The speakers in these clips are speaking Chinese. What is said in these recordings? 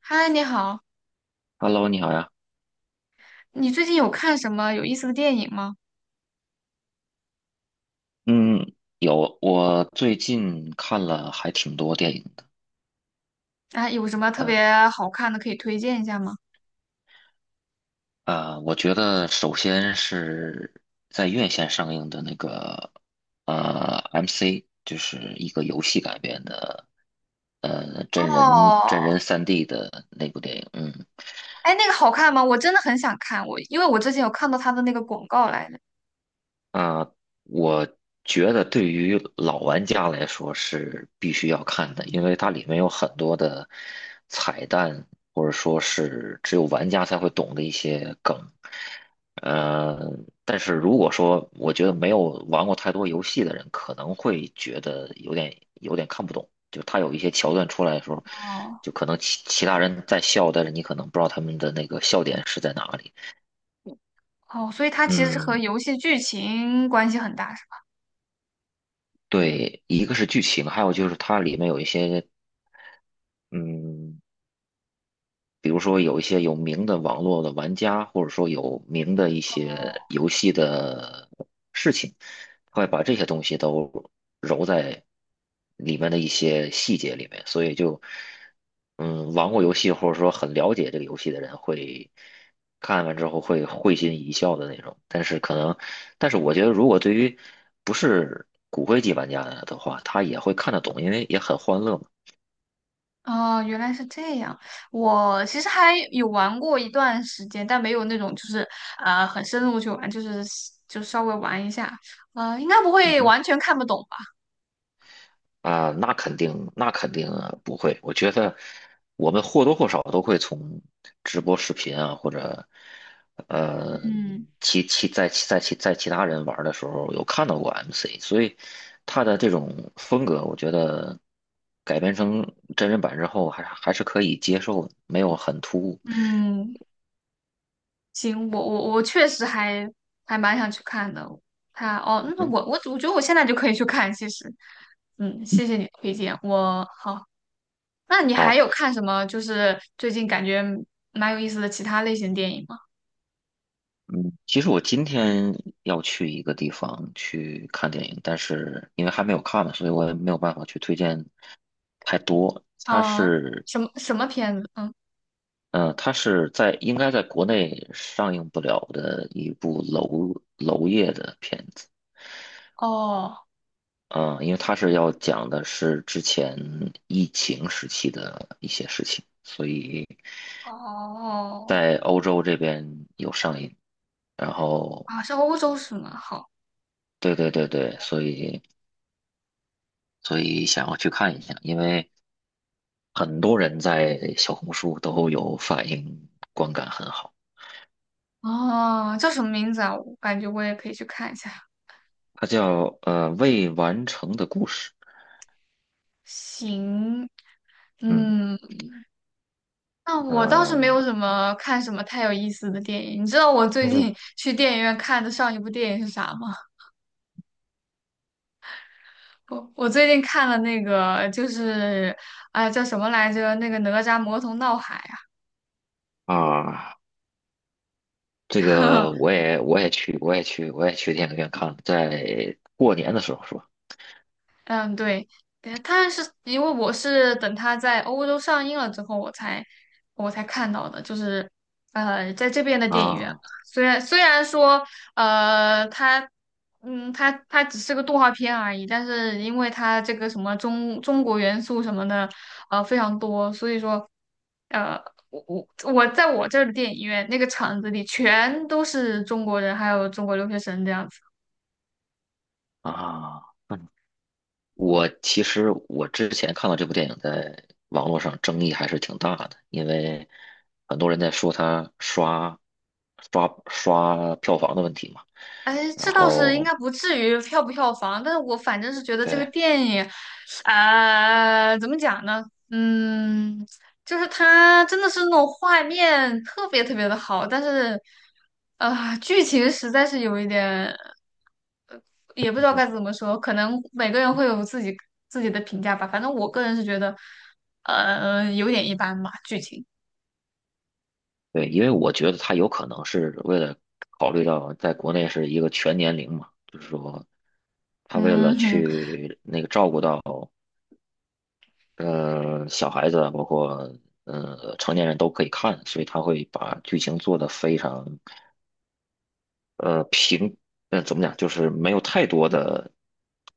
嗨，你好，Hello，你好呀。你最近有看什么有意思的电影吗？嗯，有，我最近看了还挺多电影的。啊，有什么特嗯别好看的可以推荐一下吗？我觉得首先是在院线上映的那个MC，就是一个游戏改编的真人真哦，人3D 的那部电影。嗯，哎，那个好看吗？我真的很想看，我因为我之前有看到他的那个广告来的。啊，我觉得对于老玩家来说是必须要看的，因为它里面有很多的彩蛋，或者说是只有玩家才会懂的一些梗。呃，但是如果说我觉得没有玩过太多游戏的人，可能会觉得有点看不懂，就他有一些桥段出来的时候，哦就可能其他人在笑，但是你可能不知道他们的那个笑点是在哪里。哦，所以它其实是和嗯，游戏剧情关系很大，是吧？对，一个是剧情，还有就是它里面有一些嗯比如说有一些有名的网络的玩家，或者说有名的一些游戏的事情，他会把这些东西都揉在里面的一些细节里面，所以就，玩过游戏或者说很了解这个游戏的人会看完之后会会心一笑的那种。但是我觉得如果对于不是骨灰级玩家的话，他也会看得懂，因为也很欢乐嘛。哦，原来是这样。我其实还有玩过一段时间，但没有那种就是很深入去玩，就是稍微玩一下，应该不嗯会哼。完全看不懂吧？啊，那肯定，那肯定不会。我觉得我们或多或少都会从直播视频啊，或者呃，嗯其其在其在其在其他人玩的时候有看到过 MC，所以他的这种风格，我觉得改编成真人版之后还是可以接受的，没有很突兀。嗯，行，我确实还蛮想去看的。哦，那嗯，我觉得我现在就可以去看，其实，谢谢你的推荐。我好，那你还好。有看什么？就是最近感觉蛮有意思的其他类型电影吗？嗯，其实我今天要去一个地方去看电影，但是因为还没有看嘛，所以我也没有办法去推荐太多。它啊、是，什么什么片子？嗯，嗯，它是在应该在国内上映不了的一部娄烨的片子，哦嗯、因为它是要讲的是之前疫情时期的一些事情，所以哦在欧洲这边有上映。然后，啊，是欧洲是吗？好对对对对，所以想要去看一下，因为。很多人在小红书都有反映，观感很好。哦，叫什么名字啊？我感觉我也可以去看一下。它叫未完成的故事，行，嗯嗯，那我倒是没呃有什么看什么太有意思的电影。你知道我最嗯，近 去电影院看的上一部电影是啥吗？我最近看了那个，就是哎叫什么来着？那个哪吒魔童闹海啊，啊，这个 我也去电影院看了，在过年的时候是吧？嗯，对，对但是因为我是等它在欧洲上映了之后，我才看到的，就是在这边的电影院嘛。啊虽然说它它只是个动画片而已，但是因为它这个什么中国元素什么的，非常多，所以说呃，我在我这儿的电影院那个场子里全都是中国人，还有中国留学生这样。子。啊，嗯我其实之前看到这部电影在网络上争议还是挺大的，因为很多人在说它刷票房的问题嘛。哎，然这倒是应后该不至于票不票房，但是我反正是觉得这个对电影，怎么讲呢？嗯，就是它真的是那种画面特别特别的好，但是，啊、剧情实在是有一点，也不知道该怎么说，可能每个人会有自己的评价吧。反正我个人是觉得，有点一般吧，剧情。对，因为我觉得他有可能是为了考虑到在国内是一个全年龄嘛，就是说他为了嗯哼。去那个照顾到小孩子啊，包括成年人都可以看，所以他会把剧情做得非常平，怎么讲，就是没有太多的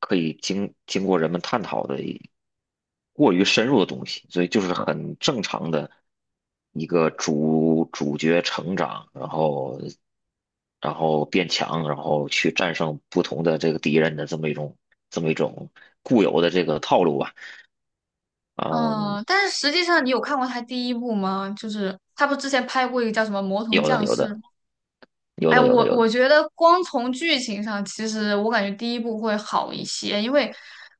可以经过人们探讨的过于深入的东西，所以就是很正常的一个主角成长，然后变强，然后去战胜不同的这个敌人的这么一种固有的这个套路吧，嗯，嗯，但是实际上，你有看过他第一部吗？就是他不之前拍过一个叫什么《魔童有的降有世》的有哎，的有我的有我的，觉得光从剧情上，其实我感觉第一部会好一些，因为，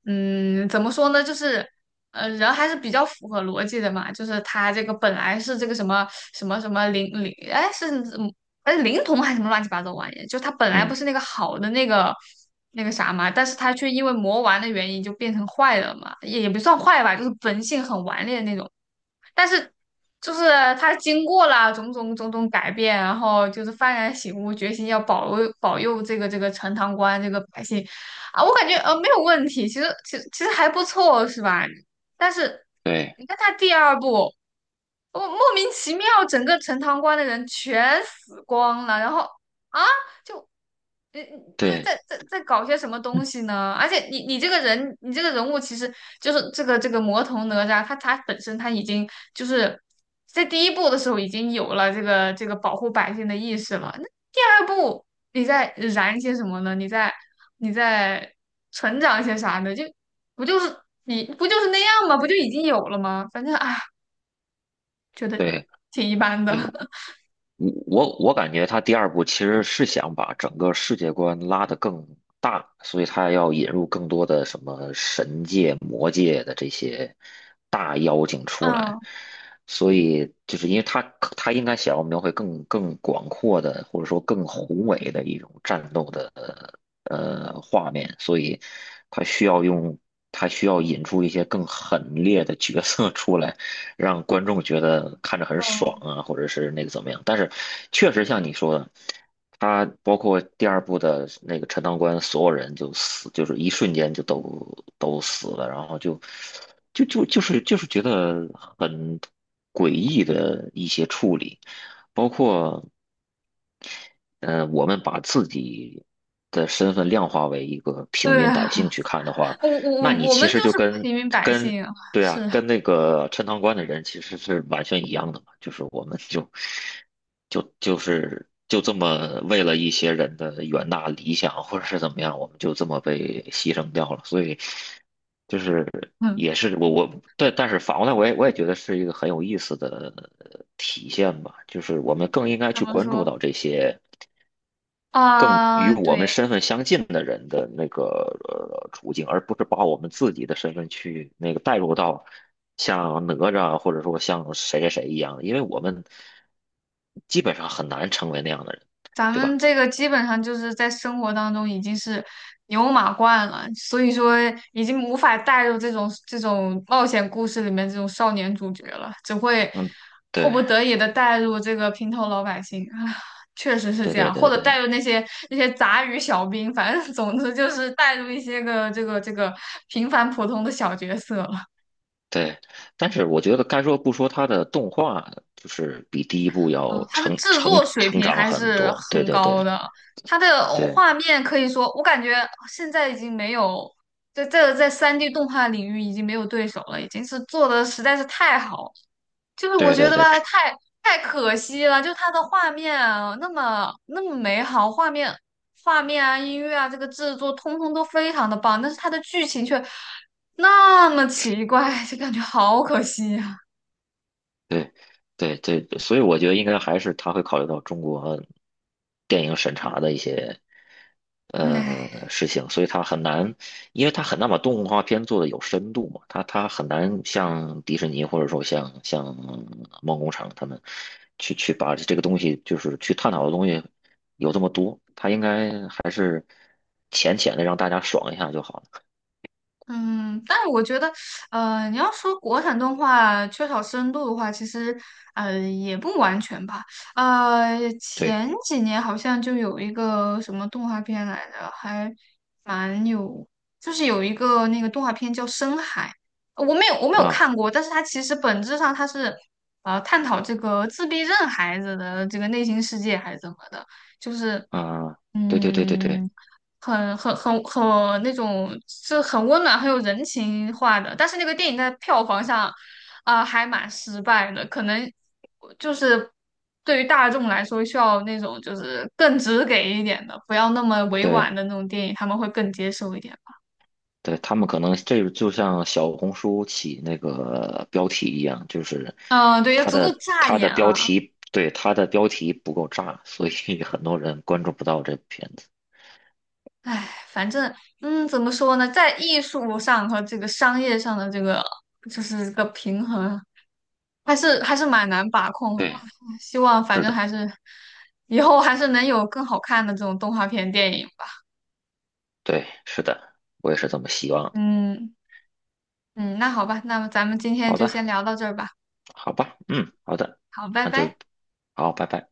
怎么说呢，就是，人还是比较符合逻辑的嘛，就是他这个本来是这个什么灵灵，哎，是嗯哎灵童还是什么乱七八糟玩意，就他本来不嗯，是那个好的那个啥嘛，但是他却因为魔丸的原因就变成坏了嘛，也不算坏吧，就是本性很顽劣的那种。但是就是他经过了种种改变，然后就是幡然醒悟，决心要保佑这个陈塘关这个百姓啊，我感觉没有问题，其实还不错，是吧？但是对你看他第二部。我莫名其妙，整个陈塘关的人全死光了，然后啊，就你在对在在在搞些什么东西呢？而且你这个人，你这个人物其实就是这个魔童哪吒，他本身他已经就是在第一部的时候已经有了这个保护百姓的意识了。那第二部你在燃些什么呢？你在成长一些啥呢？就不就是你不就是那样吗？不就已经有了吗？反正啊，觉得对。挺一般的。我感觉他第二部其实是想把整个世界观拉得更大，所以他要引入更多的什么神界、魔界的这些大妖精出来，嗯，所以就是因为他应该想要描绘更广阔的，或者说更宏伟的一种战斗的画面，所以他需要用他需要引出一些更狠烈的角色出来。让观众觉得看着是很吧？爽啊，或者是那个怎么样。但是确实像你说的，他包括第二部的那个陈塘关，所有人就死，就是一瞬间就都死了，然后就是觉得很诡异的一些处理，包括。我们把自己的身份量化为一个平对民啊，百姓去看的话，那你我们其就实就是平民百跟姓啊，对啊，是。跟那个陈塘关的人其实是完全一样的嘛，就是我们就这么为了一些人的远大理想或者是怎么样，我们就这么被牺牲掉了，所以就是嗯，也是我对，但是反过来我也觉得是一个很有意思的体现吧，就是我们更应该怎去么关注说到这些。更与啊？我对，们身份相近的人的那个处境，而不是把我们自己的身份去那个带入到像哪吒啊或者说像谁谁谁一样，因为我们基本上很难成为那样的人，咱对吧？们这个基本上就是在生活当中已经是牛马惯了，所以说已经无法带入这种冒险故事里面这种少年主角了，只会嗯，迫对不得已的带入这个平头老百姓啊，确实是对这对样，或对者对带入那些杂鱼小兵，反正总之就是带入一些个这个平凡普通的小角色。对。但是我觉得该说不说，他的动画就是比第一部嗯，要它的制作水成平长还很是多。对很对高对的，它的对画面可以说，我感觉现在已经没有，在三 d 动画领域已经没有对手了，已经是做的实在是太好了就是我对觉对得对，吧，太可惜了，就它的画面啊，那么那么美好，画面啊，音乐啊，这个制作通通都非常的棒，但是它的剧情却那么奇怪，就感觉好可惜呀、啊，对，对，对，所以我觉得应该还是他会考虑到中国电影审查的一些唉事情，所以他很难，因为他很难把动画片做的有深度嘛，他很难像迪士尼或者说像梦工厂他们去把这个东西就是去探讨的东西有这么多，他应该还是浅浅的让大家爽一下就好了。嗯，但是我觉得，你要说国产动画缺少深度的话，其实，也不完全吧。对前几年好像就有一个什么动画片来着，还蛮有，就是有一个那个动画片叫《深海》，我没有啊看过，但是它其实本质上它是，探讨这个自闭症孩子的这个内心世界还是怎么的，就是，啊，对对对对对嗯。很那种，是很温暖、很有人情化的。但是那个电影在票房上，啊、还蛮失败的。可能就是对于大众来说，需要那种就是更直给一点的，不要那么委婉对。的那种电影，他们会更接受一点。对，他们可能这个就像小红书起那个标题一样，就是嗯、对，要足够扎它的眼标啊！题，对，它的标题不够炸，所以 很多人关注不到这部片子。唉，反正，怎么说呢，在艺术上和这个商业上的这个，就是这个平衡还是蛮难把控的吧。对，希望反是正的，还是以后还是能有更好看的这种动画片电影吧。对，是的，我也是这么希望的。嗯嗯，那好吧，那么咱们今天好就先的，聊到这儿吧。好吧，嗯，好的，好，拜那就拜。好，拜拜。